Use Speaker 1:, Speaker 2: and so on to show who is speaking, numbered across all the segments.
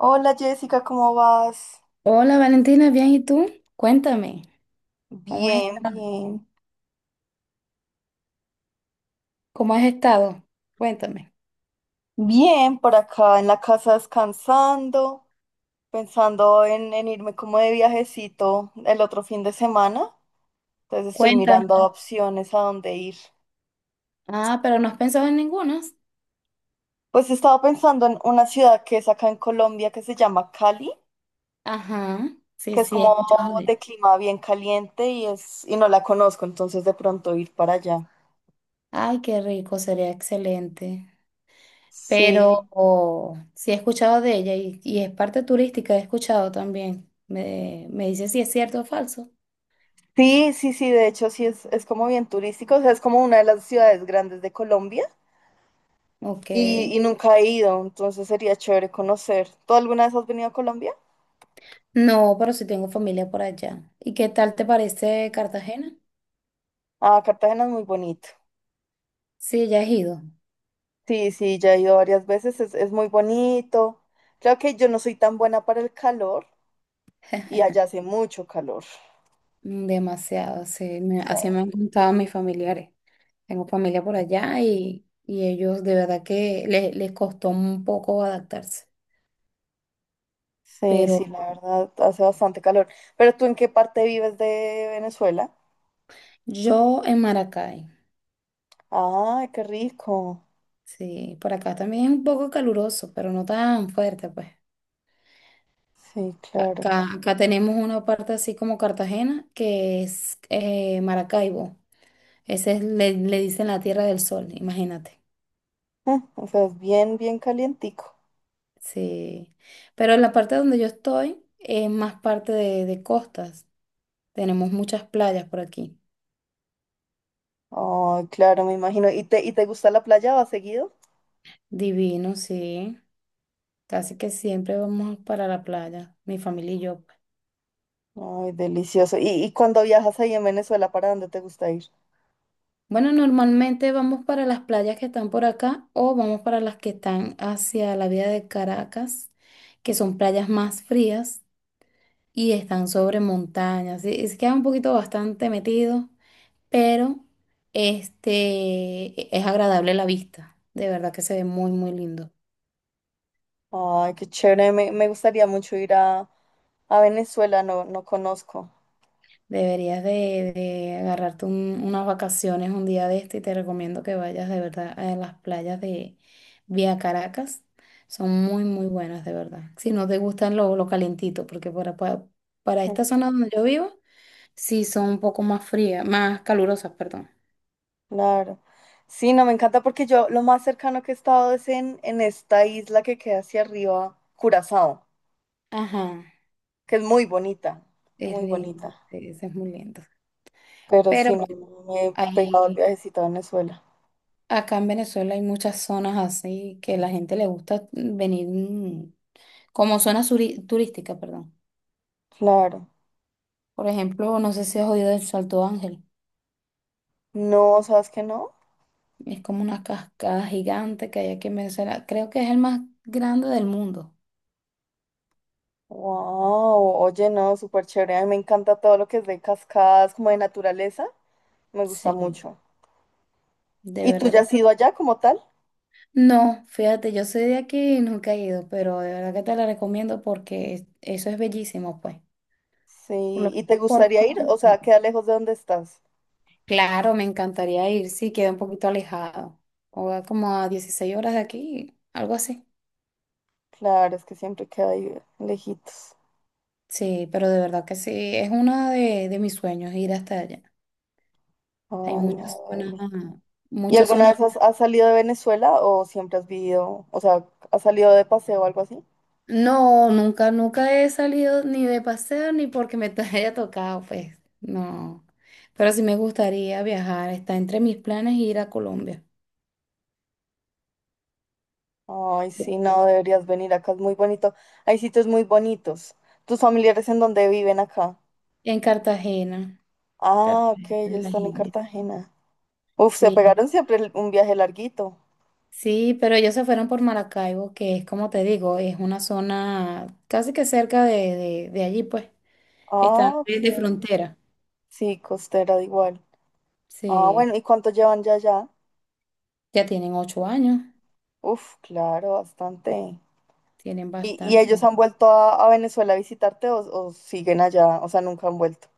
Speaker 1: Hola Jessica, ¿cómo vas?
Speaker 2: Hola Valentina, bien, ¿y tú? Cuéntame, ¿cómo has
Speaker 1: Bien,
Speaker 2: estado?
Speaker 1: bien.
Speaker 2: ¿Cómo has estado? Cuéntame.
Speaker 1: Bien, por acá en la casa descansando, pensando en irme como de viajecito el otro fin de semana. Entonces estoy
Speaker 2: Cuéntame.
Speaker 1: mirando opciones a dónde ir.
Speaker 2: Ah, pero no has pensado en ninguna.
Speaker 1: Pues estaba pensando en una ciudad que es acá en Colombia que se llama Cali,
Speaker 2: Ajá, sí,
Speaker 1: que es
Speaker 2: sí, he
Speaker 1: como
Speaker 2: escuchado de.
Speaker 1: de clima bien caliente y no la conozco, entonces de pronto ir para allá.
Speaker 2: Ay, qué rico, sería excelente.
Speaker 1: Sí.
Speaker 2: Pero oh, sí he escuchado de ella y es parte turística, he escuchado también. Me dice si es cierto o falso.
Speaker 1: Sí, sí, sí, de hecho sí es como bien turístico, o sea, es como una de las ciudades grandes de Colombia.
Speaker 2: Ok.
Speaker 1: Y nunca he ido, entonces sería chévere conocer. ¿Tú alguna vez has venido a Colombia?
Speaker 2: No, pero sí tengo familia por allá. ¿Y qué tal te parece Cartagena?
Speaker 1: Ah, Cartagena es muy bonito.
Speaker 2: Sí, ya has ido.
Speaker 1: Sí, sí, ya he ido varias veces, es muy bonito. Creo que yo no soy tan buena para el calor y allá hace mucho calor.
Speaker 2: Mm, demasiado, sí. Me-
Speaker 1: Sí,
Speaker 2: así me han contado mis familiares. Tengo familia por allá y ellos de verdad que les costó un poco adaptarse.
Speaker 1: sí,
Speaker 2: Pero
Speaker 1: sí, la verdad, hace bastante calor. ¿Pero tú en qué parte vives de Venezuela?
Speaker 2: yo en Maracay,
Speaker 1: Ay, qué rico.
Speaker 2: sí, por acá también es un poco caluroso, pero no tan fuerte, pues.
Speaker 1: Sí, claro.
Speaker 2: Acá tenemos una parte así como Cartagena, que es Maracaibo. Ese es, le dicen la Tierra del Sol, imagínate.
Speaker 1: Mm, o sea, es bien, bien calientico.
Speaker 2: Sí. Pero la parte donde yo estoy es más parte de costas. Tenemos muchas playas por aquí.
Speaker 1: Ay, claro, me imagino. ¿Y te gusta la playa? ¿Vas seguido?
Speaker 2: Divino, sí. Casi que siempre vamos para la playa, mi familia y yo, pues.
Speaker 1: Ay, delicioso. ¿Y cuando viajas ahí en Venezuela, para dónde te gusta ir?
Speaker 2: Bueno, normalmente vamos para las playas que están por acá o vamos para las que están hacia la vía de Caracas, que son playas más frías y están sobre montañas. Sí, se queda un poquito bastante metido, pero este es agradable la vista. De verdad que se ve muy, muy lindo.
Speaker 1: Ay, qué chévere. Me gustaría mucho ir a Venezuela, no, no conozco.
Speaker 2: Deberías de agarrarte unas vacaciones un día de este y te recomiendo que vayas de verdad a las playas de Vía Caracas. Son muy, muy buenas, de verdad. Si no te gustan lo calentito, porque para esta
Speaker 1: Eh,
Speaker 2: zona donde yo vivo, sí son un poco más frías, más calurosas, perdón.
Speaker 1: Claro. Sí, no, me encanta porque yo lo más cercano que he estado es en esta isla que queda hacia arriba, Curazao,
Speaker 2: Ajá,
Speaker 1: que es muy bonita,
Speaker 2: es
Speaker 1: muy
Speaker 2: lindo,
Speaker 1: bonita.
Speaker 2: sí, sí, es muy lindo.
Speaker 1: Pero
Speaker 2: Pero
Speaker 1: sí, no
Speaker 2: bueno,
Speaker 1: me he
Speaker 2: ahí,
Speaker 1: pegado el viajecito a Venezuela.
Speaker 2: acá en Venezuela hay muchas zonas así que la gente le gusta venir como zona turística, perdón.
Speaker 1: Claro.
Speaker 2: Por ejemplo, no sé si has oído del Salto Ángel.
Speaker 1: No, ¿sabes qué no?
Speaker 2: Es como una cascada gigante que hay aquí en Venezuela. Creo que es el más grande del mundo.
Speaker 1: Wow, oye, no, súper chévere. A mí me encanta todo lo que es de cascadas, como de naturaleza. Me gusta
Speaker 2: Sí,
Speaker 1: mucho.
Speaker 2: de
Speaker 1: ¿Y tú
Speaker 2: verdad
Speaker 1: ya has
Speaker 2: que
Speaker 1: ido
Speaker 2: no.
Speaker 1: allá como tal?
Speaker 2: No, fíjate, yo soy de aquí y nunca he ido, pero de verdad que te la recomiendo porque eso es bellísimo, pues. Por lo-
Speaker 1: Sí, ¿y te
Speaker 2: por
Speaker 1: gustaría ir?
Speaker 2: cuánto
Speaker 1: O sea,
Speaker 2: tiempo.
Speaker 1: queda lejos de donde estás.
Speaker 2: Claro, me encantaría ir, sí, queda un poquito alejado. O a como a 16 horas de aquí, algo así.
Speaker 1: Claro, es que siempre queda ahí lejitos.
Speaker 2: Sí, pero de verdad que sí, es uno de mis sueños ir hasta allá.
Speaker 1: Ay,
Speaker 2: Hay
Speaker 1: no,
Speaker 2: muchas zonas,
Speaker 1: Eli. ¿Y
Speaker 2: muchas
Speaker 1: alguna
Speaker 2: zonas.
Speaker 1: vez has salido de Venezuela o siempre has vivido, o sea, has salido de paseo o algo así?
Speaker 2: No, nunca, nunca he salido ni de paseo ni porque me te haya tocado, pues, no. Pero sí me gustaría viajar, está entre mis planes ir a Colombia.
Speaker 1: Ay, sí, no, deberías venir acá, es muy bonito. Hay sitios muy bonitos. ¿Tus familiares en dónde viven acá?
Speaker 2: En Cartagena,
Speaker 1: Ah, ok,
Speaker 2: Cartagena de
Speaker 1: ellos
Speaker 2: las
Speaker 1: están en
Speaker 2: Indias.
Speaker 1: Cartagena. Uf, se
Speaker 2: Sí,
Speaker 1: pegaron siempre un viaje larguito.
Speaker 2: sí, pero ellos se fueron por Maracaibo, que es como te digo, es una zona casi que cerca de allí, pues. Están
Speaker 1: Ah,
Speaker 2: de
Speaker 1: ok.
Speaker 2: de frontera.
Speaker 1: Sí, costera, da igual. Ah,
Speaker 2: Sí,
Speaker 1: bueno, ¿y cuánto llevan ya allá?
Speaker 2: ya tienen 8 años,
Speaker 1: Uf, claro, bastante.
Speaker 2: tienen
Speaker 1: ¿Y
Speaker 2: bastante.
Speaker 1: ellos han vuelto a Venezuela a visitarte o siguen allá? O sea, nunca han vuelto.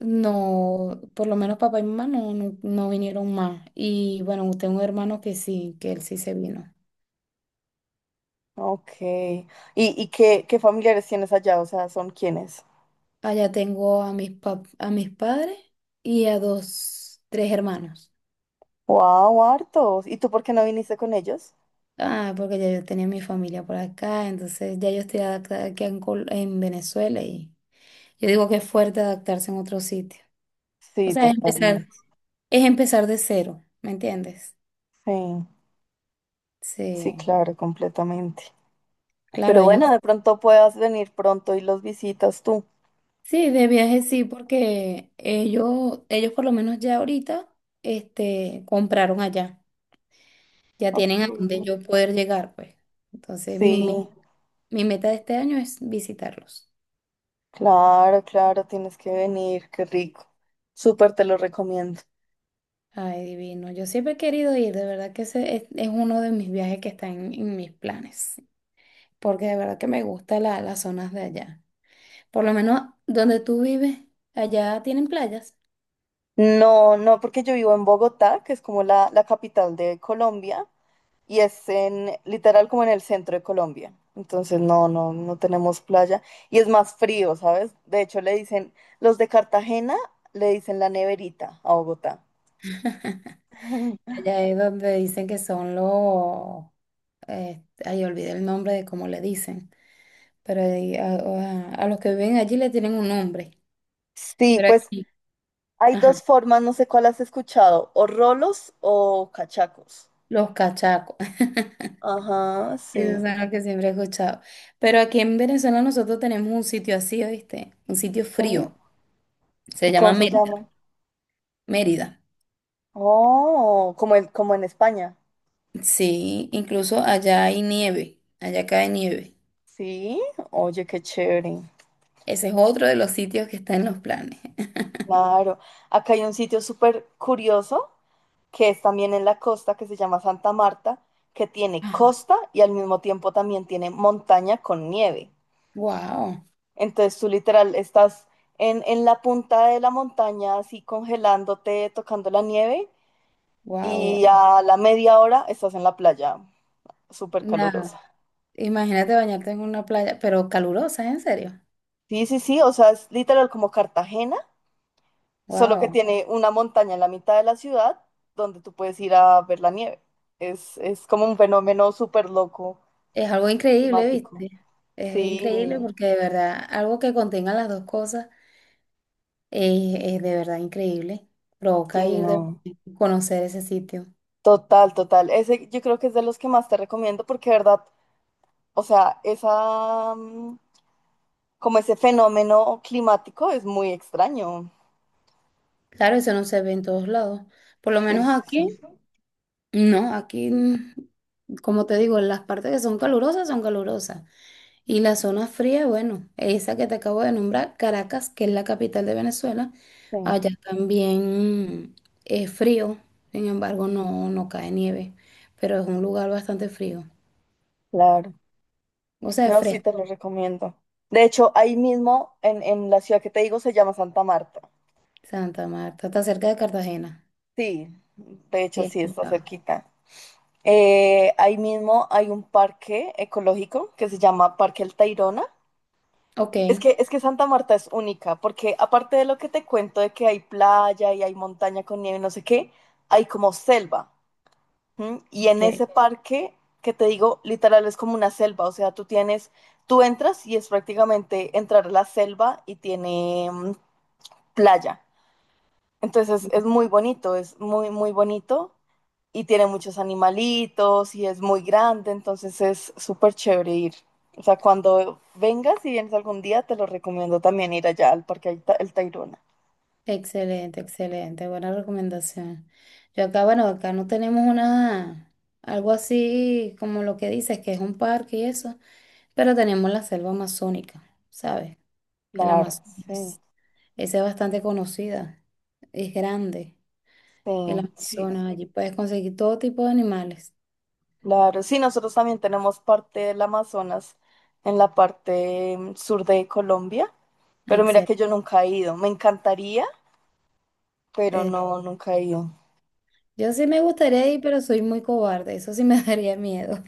Speaker 2: No, por lo menos papá y mamá no, no, no vinieron más. Y bueno, tengo un hermano que sí, que él sí se vino.
Speaker 1: Ok. Qué familiares tienes allá? O sea, ¿son quiénes?
Speaker 2: Allá tengo a a mis padres y a dos, tres hermanos.
Speaker 1: Wow, hartos. ¿Y tú por qué no viniste con ellos?
Speaker 2: Ah, porque ya yo tenía mi familia por acá, entonces ya yo estoy adaptada aquí en Venezuela y yo digo que es fuerte adaptarse en otro sitio. O
Speaker 1: Sí,
Speaker 2: sea, es empezar,
Speaker 1: totalmente.
Speaker 2: es empezar de cero, ¿me entiendes?
Speaker 1: Sí, sí,
Speaker 2: Sí,
Speaker 1: claro, completamente.
Speaker 2: claro,
Speaker 1: Pero
Speaker 2: ellos.
Speaker 1: bueno, de pronto puedas venir pronto y los visitas tú.
Speaker 2: Sí, de viaje sí, porque ellos por lo menos ya ahorita, compraron allá. Ya tienen a dónde
Speaker 1: Ok.
Speaker 2: yo poder llegar, pues. Entonces, mi
Speaker 1: Sí.
Speaker 2: meta, mi meta de este año es visitarlos.
Speaker 1: Claro, claro, tienes que venir, qué rico. Súper te lo recomiendo.
Speaker 2: Ay, divino. Yo siempre he querido ir, de verdad que ese es uno de mis viajes que está en mis planes, porque de verdad que me gustan las zonas de allá. Por lo menos donde tú vives, allá tienen playas.
Speaker 1: No, no, porque yo vivo en Bogotá, que es como la capital de Colombia, y es en, literal como en el centro de Colombia. Entonces, no, no, no tenemos playa. Y es más frío, ¿sabes? De hecho, le dicen, los de Cartagena le dicen la neverita a Bogotá.
Speaker 2: Allá es donde dicen que son los, ay, olvidé el nombre de cómo le dicen, pero ahí a los que viven allí le tienen un nombre,
Speaker 1: Sí,
Speaker 2: pero
Speaker 1: pues
Speaker 2: aquí,
Speaker 1: hay
Speaker 2: ajá,
Speaker 1: dos formas, no sé cuál has escuchado, o rolos o cachacos.
Speaker 2: los cachacos,
Speaker 1: Ajá,
Speaker 2: esos
Speaker 1: sí.
Speaker 2: son los que siempre he escuchado. Pero aquí en Venezuela nosotros tenemos un sitio así, ¿oíste? Un sitio
Speaker 1: Sí.
Speaker 2: frío, se
Speaker 1: ¿Y
Speaker 2: llama
Speaker 1: cómo se
Speaker 2: Mérida.
Speaker 1: llama?
Speaker 2: Mérida.
Speaker 1: Oh, como en, como en España.
Speaker 2: Sí, incluso allá hay nieve, allá cae nieve.
Speaker 1: Sí, oye, qué chévere.
Speaker 2: Ese es otro de los sitios que está en los planes.
Speaker 1: Claro. Acá hay un sitio súper curioso que es también en la costa que se llama Santa Marta, que tiene costa y al mismo tiempo también tiene montaña con nieve.
Speaker 2: Wow,
Speaker 1: Entonces tú literal estás en la punta de la montaña así congelándote, tocando la nieve
Speaker 2: wow,
Speaker 1: y a la media hora estás en la playa súper
Speaker 2: wow.
Speaker 1: calurosa.
Speaker 2: Imagínate bañarte en una playa, pero calurosa, en serio.
Speaker 1: Sí, sí, sí, o sea, es literal como Cartagena solo que
Speaker 2: Wow.
Speaker 1: tiene una montaña en la mitad de la ciudad donde tú puedes ir a ver la nieve. Es como un fenómeno súper loco,
Speaker 2: Es algo increíble,
Speaker 1: climático.
Speaker 2: ¿viste? Es increíble
Speaker 1: Sí,
Speaker 2: porque de verdad, algo que contenga las dos cosas es de verdad increíble.
Speaker 1: sí,
Speaker 2: Provoca ir de
Speaker 1: no.
Speaker 2: conocer ese sitio.
Speaker 1: Total, total. Ese yo creo que es de los que más te recomiendo porque, de verdad, o sea, esa, como ese fenómeno climático es muy extraño.
Speaker 2: Claro, eso no se ve en todos lados. Por lo
Speaker 1: Sí,
Speaker 2: menos aquí,
Speaker 1: sí, sí.
Speaker 2: no, aquí, como te digo, las partes que son calurosas son calurosas. Y la zona fría, bueno, esa que te acabo de nombrar, Caracas, que es la capital de Venezuela,
Speaker 1: Sí,
Speaker 2: allá también es frío, sin embargo no, no cae nieve, pero es un lugar bastante frío.
Speaker 1: claro.
Speaker 2: O sea, es
Speaker 1: No, sí,
Speaker 2: fresco.
Speaker 1: te lo recomiendo. De hecho, ahí mismo, en la ciudad que te digo, se llama Santa Marta.
Speaker 2: Santa Marta, está cerca de Cartagena.
Speaker 1: Sí, de
Speaker 2: Sí,
Speaker 1: hecho,
Speaker 2: he
Speaker 1: sí, está
Speaker 2: escuchado.
Speaker 1: cerquita. Ahí mismo hay un parque ecológico que se llama Parque El Tayrona.
Speaker 2: Ok,
Speaker 1: Es que Santa Marta es única, porque aparte de lo que te cuento de que hay playa y hay montaña con nieve y no sé qué, hay como selva. ¿M? Y
Speaker 2: ok.
Speaker 1: en ese parque, que te digo, literal es como una selva, o sea, tú entras y es prácticamente entrar a la selva y tiene playa. Entonces es muy bonito, es muy, muy bonito y tiene muchos animalitos y es muy grande, entonces es súper chévere ir. O sea, cuando vengas y vienes algún día, te lo recomiendo también ir allá al El Tayrona.
Speaker 2: Excelente, excelente, buena recomendación. Yo acá, bueno, acá no tenemos una, algo así como lo que dices, que es un parque y eso, pero tenemos la selva amazónica, ¿sabes? El
Speaker 1: Claro, sí,
Speaker 2: Amazonas. Esa es bastante conocida. Es grande. El
Speaker 1: sí, sí,
Speaker 2: Amazonas. Allí puedes conseguir todo tipo de animales.
Speaker 1: claro. Sí, nosotros también tenemos parte del Amazonas en la parte sur de Colombia, pero mira
Speaker 2: Excelente.
Speaker 1: que yo nunca he ido. Me encantaría, pero
Speaker 2: Eh,
Speaker 1: no, nunca he ido.
Speaker 2: yo sí me gustaría ir, pero soy muy cobarde. Eso sí me daría miedo.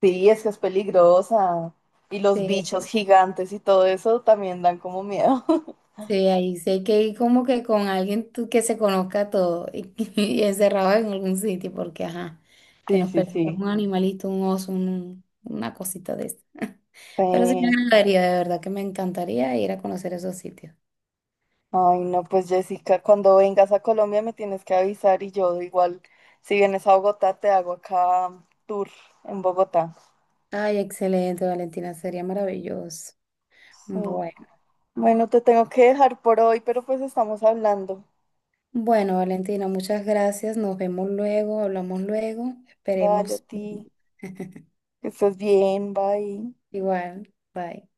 Speaker 1: Sí, es que es peligrosa. Y los
Speaker 2: Sí,
Speaker 1: bichos gigantes y todo eso también dan como miedo.
Speaker 2: sí, ahí sí hay que ir como que con alguien que se conozca todo y, y encerrado en algún sitio, porque ajá, que
Speaker 1: Sí,
Speaker 2: nos
Speaker 1: sí,
Speaker 2: persiga
Speaker 1: sí.
Speaker 2: un animalito, un oso, una cosita de eso. Pero sí me
Speaker 1: Sí.
Speaker 2: encantaría, de verdad que me encantaría ir a conocer esos sitios.
Speaker 1: Ay, no, pues Jessica, cuando vengas a Colombia me tienes que avisar y yo igual, si vienes a Bogotá, te hago acá tour en Bogotá.
Speaker 2: Ay, excelente, Valentina, sería maravilloso.
Speaker 1: Sí.
Speaker 2: Bueno,
Speaker 1: Bueno, te tengo que dejar por hoy, pero pues estamos hablando.
Speaker 2: bueno, Valentina, muchas gracias. Nos vemos luego, hablamos luego.
Speaker 1: Dale a
Speaker 2: Esperemos.
Speaker 1: ti, que estés bien, bye.
Speaker 2: Igual, bye.